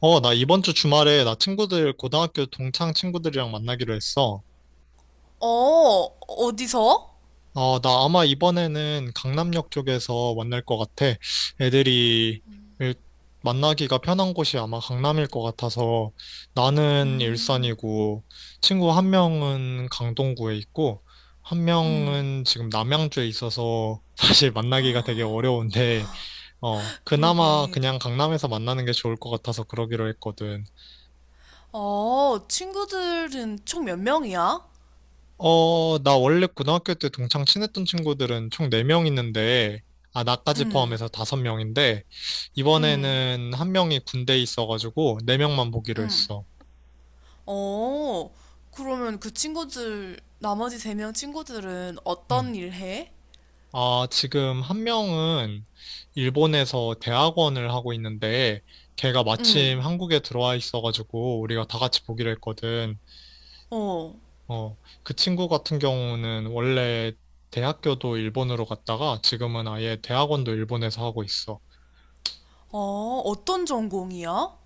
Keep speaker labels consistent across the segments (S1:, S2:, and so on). S1: 어, 나 이번 주 주말에 나 친구들, 고등학교 동창 친구들이랑 만나기로 했어.
S2: 어, 어디서?
S1: 어, 나 아마 이번에는 강남역 쪽에서 만날 것 같아. 애들이 일- 만나기가 편한 곳이 아마 강남일 것 같아서 나는 일산이고 친구 한 명은 강동구에 있고 한 명은 지금 남양주에 있어서 사실 만나기가 되게 어려운데, 어, 그나마
S2: 그러게.
S1: 그냥 강남에서 만나는 게 좋을 것 같아서 그러기로 했거든.
S2: 어, 친구들은 총 몇 명이야?
S1: 어, 나 원래 고등학교 때 동창 친했던 친구들은 총 4명 있는데, 아, 나까지
S2: 응.
S1: 포함해서 5명인데,
S2: 응.
S1: 이번에는 한 명이 군대에 있어가지고 4명만 보기로 했어.
S2: 어, 그러면 그 친구들, 나머지 세 명 친구들은
S1: 음.
S2: 어떤 일 해?
S1: 아, 지금 한 명은 일본에서 대학원을 하고 있는데, 걔가 마침
S2: 응.
S1: 한국에 들어와 있어가지고 우리가 다 같이 보기로 했거든.
S2: 어.
S1: 어, 그 친구 같은 경우는 원래 대학교도 일본으로 갔다가 지금은 아예 대학원도 일본에서 하고 있어.
S2: 어, 어떤 전공이야?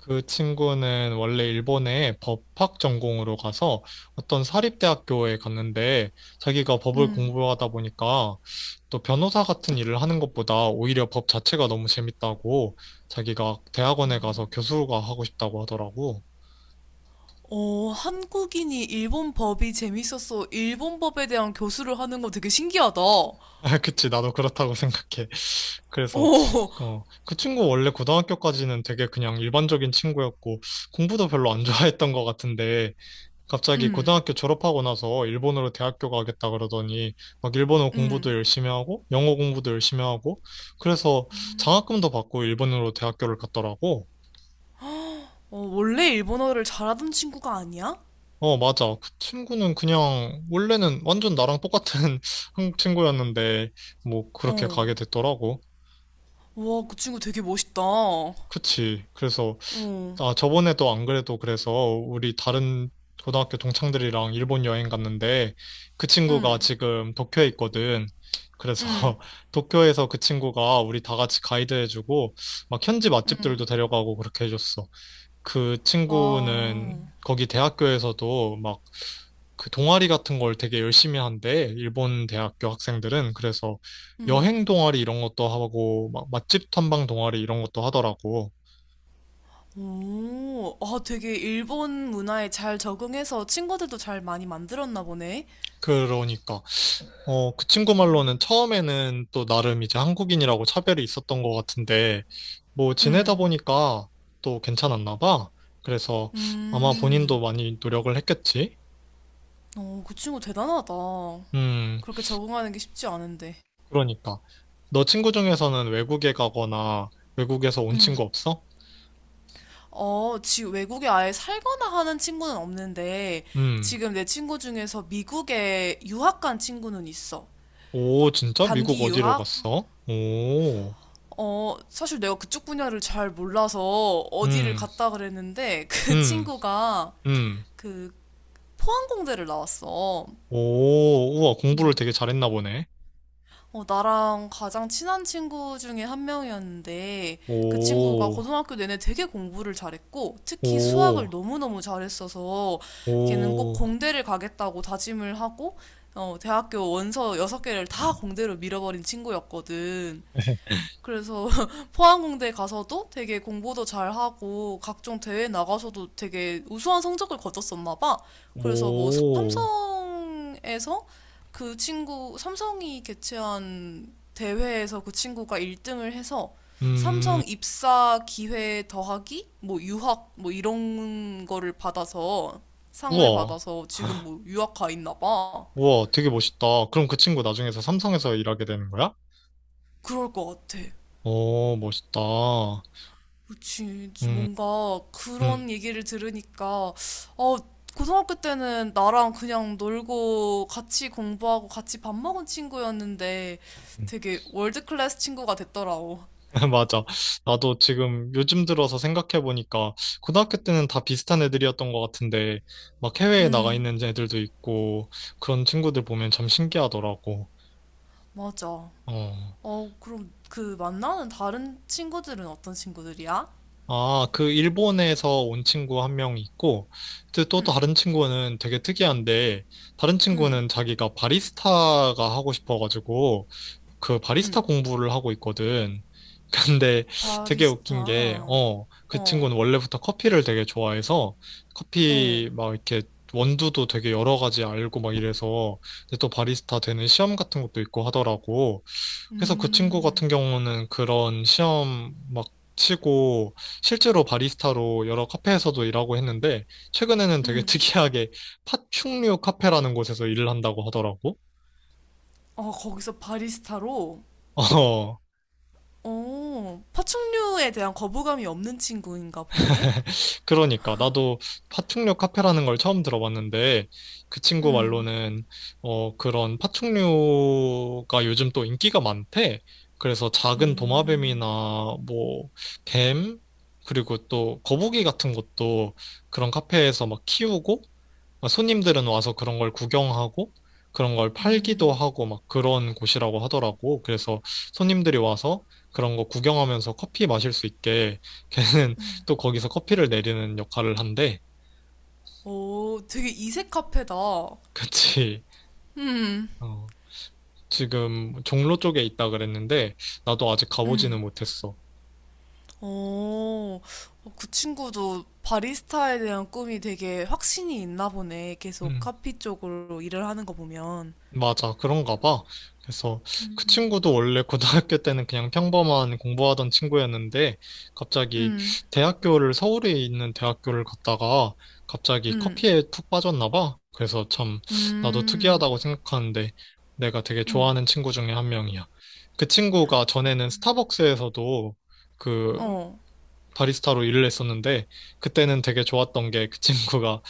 S1: 그 친구는 원래 일본에 법학 전공으로 가서 어떤 사립대학교에 갔는데 자기가 법을
S2: 응.
S1: 공부하다 보니까 또 변호사 같은 일을 하는 것보다 오히려 법 자체가 너무 재밌다고 자기가 대학원에 가서 교수가 하고 싶다고 하더라고.
S2: 어, 한국인이 일본 법이 재밌어서 일본 법에 대한 교수를 하는 거 되게 신기하다. 어.
S1: 아, 그치, 나도 그렇다고 생각해. 그래서 어, 그 친구 원래 고등학교까지는 되게 그냥 일반적인 친구였고 공부도 별로 안 좋아했던 것 같은데 갑자기
S2: 음.
S1: 고등학교 졸업하고 나서 일본으로 대학교 가겠다 그러더니 막 일본어 공부도
S2: 음.
S1: 열심히 하고 영어 공부도 열심히 하고 그래서 장학금도 받고 일본으로 대학교를 갔더라고.
S2: 어, 원래 일본어를 잘하던 친구가 아니야?
S1: 어, 맞아. 그 친구는 그냥 원래는 완전 나랑 똑같은 한국 친구였는데 뭐 그렇게
S2: 어.
S1: 가게 됐더라고.
S2: 와, 그 친구 되게 멋있다. 어.
S1: 그치. 그래서
S2: 응.
S1: 아, 저번에도 안 그래도 그래서 우리 다른 고등학교 동창들이랑 일본 여행 갔는데 그 친구가 지금 도쿄에 있거든. 그래서
S2: 응.
S1: 도쿄에서 그 친구가 우리 다 같이 가이드 해주고 막 현지 맛집들도
S2: 응.
S1: 데려가고 그렇게 해줬어. 그 친구는
S2: 와.
S1: 거기 대학교에서도 막 그 동아리 같은 걸 되게 열심히 한대. 일본 대학교 학생들은. 그래서
S2: 응.
S1: 여행 동아리 이런 것도 하고 막 맛집 탐방 동아리 이런 것도 하더라고.
S2: 오, 아, 되게 일본 문화에 잘 적응해서 친구들도 잘 많이 만들었나 보네.
S1: 그러니까. 어, 그 친구 말로는 처음에는 또 나름 이제 한국인이라고 차별이 있었던 것 같은데, 뭐 지내다
S2: 응.
S1: 보니까 또 괜찮았나 봐. 그래서 아마 본인도
S2: 음.
S1: 많이 노력을 했겠지?
S2: 어, 그 친구 대단하다.
S1: 음,
S2: 그렇게 적응하는 게 쉽지 않은데.
S1: 그러니까. 너 친구 중에서는 외국에 가거나 외국에서 온
S2: 응.
S1: 친구 없어?
S2: 어, 지금 외국에 아예 살거나 하는 친구는 없는데,
S1: 음,
S2: 지금 내 친구 중에서 미국에 유학 간 친구는 있어.
S1: 오, 진짜? 미국
S2: 단기
S1: 어디로
S2: 유학?
S1: 갔어? 오,
S2: 어, 사실 내가 그쪽 분야를 잘 몰라서 어디를
S1: 음,
S2: 갔다 그랬는데 그
S1: 음,
S2: 친구가
S1: 음,
S2: 그 항공대를 나왔어.
S1: 오, 우와, 공부를
S2: 음.
S1: 되게 잘했나 보네.
S2: 어, 나랑 가장 친한 친구 중에 한 명이었는데 그 친구가
S1: 오,
S2: 고등학교 내내 되게 공부를 잘했고 특히 수학을
S1: 오,
S2: 너무너무 잘했어서 걔는 꼭
S1: 오.
S2: 공대를 가겠다고 다짐을 하고, 어, 대학교 원서 여섯 개를 다 공대로 밀어버린 친구였거든. 그래서 포항공대 가서도 되게 공부도 잘하고 각종 대회 나가서도 되게 우수한 성적을 거뒀었나 봐. 그래서 뭐
S1: 오,
S2: 삼성에서, 그 친구, 삼성이 개최한 대회에서 그 친구가 1등을 해서
S1: 음,
S2: 삼성 입사 기회 더하기 뭐 유학 뭐 이런 거를 받아서 상을
S1: 우와,
S2: 받아서 지금 뭐 유학 가 있나 봐.
S1: 우와, 되게 멋있다. 그럼 그 친구 나중에서 삼성에서 일하게 되는 거야?
S2: 그럴 것 같아.
S1: 오, 멋있다.
S2: 그치.
S1: 음,
S2: 뭔가
S1: 음.
S2: 그런 얘기를 들으니까, 어, 고등학교 때는 나랑 그냥 놀고 같이 공부하고 같이 밥 먹은 친구였는데 되게 월드클래스 친구가 됐더라고.
S1: 맞아. 나도 지금 요즘 들어서 생각해보니까 고등학교 때는 다 비슷한 애들이었던 것 같은데 막 해외에 나가
S2: 음.
S1: 있는 애들도 있고 그런 친구들 보면 참 신기하더라고.
S2: 맞아.
S1: 어.
S2: 어, 그럼 그 만나는 다른 친구들은 어떤 친구들이야?
S1: 아, 그 일본에서 온 친구 한 명 있고, 이제 또
S2: 음.
S1: 다른 친구는 되게 특이한데, 다른
S2: 음.
S1: 친구는 자기가 바리스타가 하고 싶어가지고, 그 바리스타
S2: 음.
S1: 공부를 하고 있거든. 근데 되게 웃긴 게,
S2: 바리스타.
S1: 어, 그
S2: 어.
S1: 친구는 원래부터 커피를 되게 좋아해서,
S2: 어.
S1: 커피 막 이렇게 원두도 되게 여러 가지 알고 막 이래서, 근데 또 바리스타 되는 시험 같은 것도 있고 하더라고. 그래서 그 친구 같은
S2: 음.
S1: 경우는 그런 시험 막 치고 실제로 바리스타로 여러 카페에서도 일하고 했는데 최근에는 되게
S2: 음.
S1: 특이하게 파충류 카페라는 곳에서 일을 한다고 하더라고.
S2: 어, 거기서 바리스타로?
S1: 어.
S2: 어, 파충류에 대한 거부감이 없는 친구인가 보네.
S1: 그러니까 나도 파충류 카페라는 걸 처음 들어봤는데 그 친구
S2: 음.
S1: 말로는 어 그런 파충류가 요즘 또 인기가 많대. 그래서 작은 도마뱀이나
S2: 음.
S1: 뭐 뱀, 그리고 또 거북이 같은 것도 그런 카페에서 막 키우고 막 손님들은 와서 그런 걸 구경하고 그런 걸 팔기도
S2: 음.
S1: 하고 막 그런 곳이라고 하더라고. 그래서 손님들이 와서 그런 거 구경하면서 커피 마실 수 있게 걔는 또 거기서 커피를 내리는 역할을 한대.
S2: 오, 되게 이색 카페다.
S1: 그치.
S2: 음.
S1: 어, 지금 종로 쪽에 있다 그랬는데, 나도 아직 가보지는
S2: 음.
S1: 못했어.
S2: 오. 어, 그 친구도 바리스타에 대한 꿈이 되게 확신이 있나 보네. 계속
S1: 음.
S2: 카피 쪽으로 일을 하는 거 보면.
S1: 맞아, 그런가 봐. 그래서 그 친구도 원래 고등학교 때는 그냥 평범한 공부하던 친구였는데 갑자기
S2: 음.
S1: 대학교를 서울에 있는 대학교를 갔다가 갑자기
S2: 음.
S1: 커피에 푹 빠졌나 봐. 그래서 참 나도
S2: 음.
S1: 특이하다고 생각하는데 내가 되게
S2: 음.
S1: 좋아하는 친구 중에 한 명이야. 그 친구가 전에는 스타벅스에서도 그
S2: 어.
S1: 바리스타로 일을 했었는데 그때는 되게 좋았던 게 그 친구가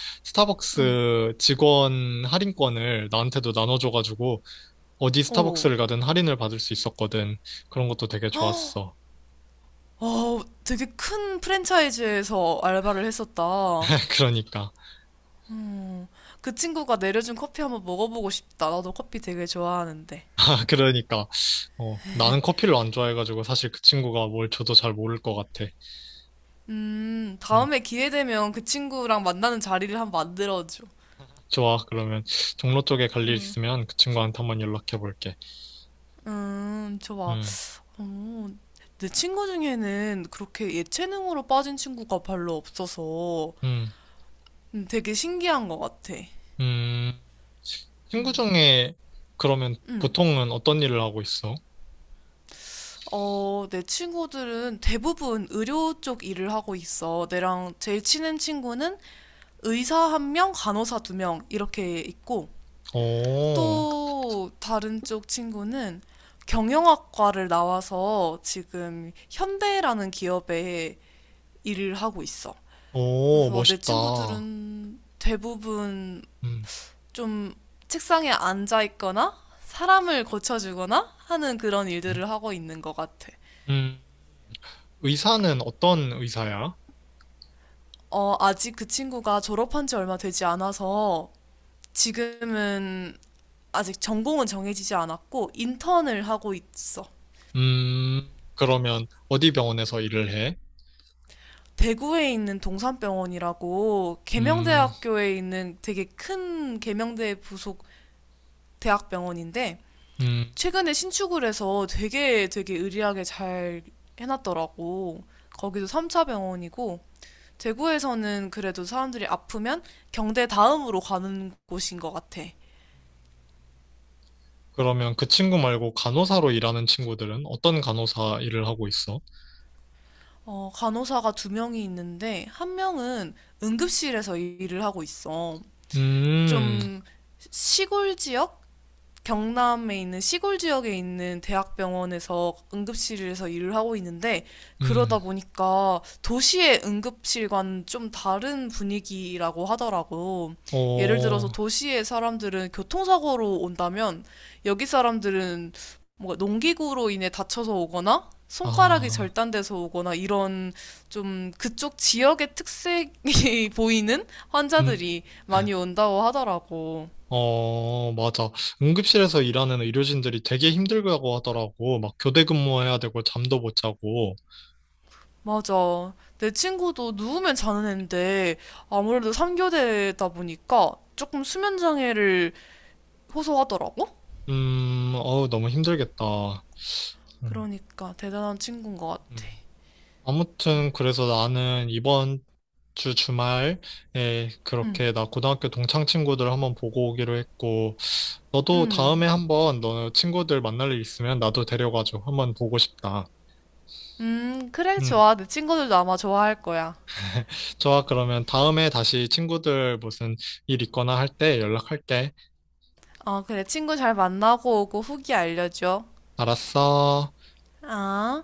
S2: 음.
S1: 스타벅스 직원 할인권을 나한테도 나눠줘가지고 어디
S2: 어.
S1: 스타벅스를 가든 할인을 받을 수 있었거든. 그런 것도 되게 좋았어.
S2: 어, 되게 큰 프랜차이즈에서 알바를 했었다.
S1: 그러니까.
S2: 어, 그 친구가 내려준 커피 한번 먹어보고 싶다. 나도 커피 되게 좋아하는데.
S1: 아, 그러니까. 어, 나는 커피를 안 좋아해가지고 사실 그 친구가 뭘 줘도 잘 모를 것 같아. 음,
S2: 다음에 기회 되면 그 친구랑 만나는 자리를 한번 만들어줘.
S1: 좋아. 그러면 종로 쪽에 갈 일
S2: 음.
S1: 있으면 그 친구한테 한번 연락해 볼게.
S2: 좋아.
S1: 음,
S2: 어, 내 친구 중에는 그렇게 예체능으로 빠진 친구가 별로 없어서,
S1: 음,
S2: 되게 신기한 것 같아.
S1: 음. 친구 중에 그러면
S2: 음.
S1: 보통은 어떤 일을 하고 있어?
S2: 어, 내 친구들은 대부분 의료 쪽 일을 하고 있어. 내랑 제일 친한 친구는 의사 한 명, 간호사 두 명 이렇게 있고,
S1: 오,
S2: 또 다른 쪽 친구는 경영학과를 나와서 지금 현대라는 기업에 일을 하고 있어.
S1: 오,
S2: 그래서 내
S1: 멋있다.
S2: 친구들은 대부분
S1: 음,
S2: 좀 책상에 앉아 있거나 사람을 고쳐주거나 하는 그런
S1: 음.
S2: 일들을 하고 있는 것 같아.
S1: 음. 의사는 어떤 의사야?
S2: 어, 아직 그 친구가 졸업한 지 얼마 되지 않아서 지금은 아직 전공은 정해지지 않았고 인턴을 하고 있어.
S1: 그러면 어디 병원에서 일을 해?
S2: 대구에 있는 동산병원이라고
S1: 음,
S2: 계명대학교에 있는 되게 큰 계명대 부속 대학병원인데
S1: 음, 음.
S2: 최근에 신축을 해서 되게 의리하게 잘 해놨더라고. 거기도 3차 병원이고 대구에서는 그래도 사람들이 아프면 경대 다음으로 가는 곳인 것 같아.
S1: 그러면 그 친구 말고 간호사로 일하는 친구들은 어떤 간호사 일을 하고 있어?
S2: 어, 간호사가 두 명이 있는데 한 명은 응급실에서 일을 하고 있어.
S1: 음,
S2: 좀 시골 지역? 경남에 있는 시골 지역에 있는 대학병원에서 응급실에서 일을 하고 있는데 그러다
S1: 음,
S2: 보니까 도시의 응급실과는 좀 다른 분위기라고 하더라고. 예를
S1: 어,
S2: 들어서 도시의 사람들은 교통사고로 온다면 여기 사람들은 뭔가 농기구로 인해 다쳐서 오거나 손가락이
S1: 아,
S2: 절단돼서 오거나 이런 좀 그쪽 지역의 특색이 보이는
S1: 음,
S2: 환자들이 많이 온다고 하더라고.
S1: 어, 맞아. 응급실에서 일하는 의료진들이 되게 힘들다고 하더라고. 막 교대 근무해야 되고 잠도 못 자고.
S2: 맞아. 내 친구도 누우면 자는 애인데 아무래도 3교대다 보니까 조금 수면 장애를 호소하더라고?
S1: 어우, 너무 힘들겠다. 음,
S2: 그러니까 대단한 친구인 것
S1: 음.
S2: 같아.
S1: 아무튼 그래서 나는 이번 주 주말에
S2: 응.
S1: 그렇게 나 고등학교 동창 친구들 한번 보고 오기로 했고, 너도
S2: 응.
S1: 다음에 한번 너 친구들 만날 일 있으면 나도 데려가줘. 한번 보고 싶다.
S2: 그래,
S1: 음,
S2: 좋아. 내 친구들도 아마 좋아할 거야.
S1: 좋아. 그러면 다음에 다시 친구들 무슨 일 있거나 할 때 연락할게.
S2: 어, 그래. 친구 잘 만나고 오고 후기 알려줘.
S1: 알았어.
S2: 아.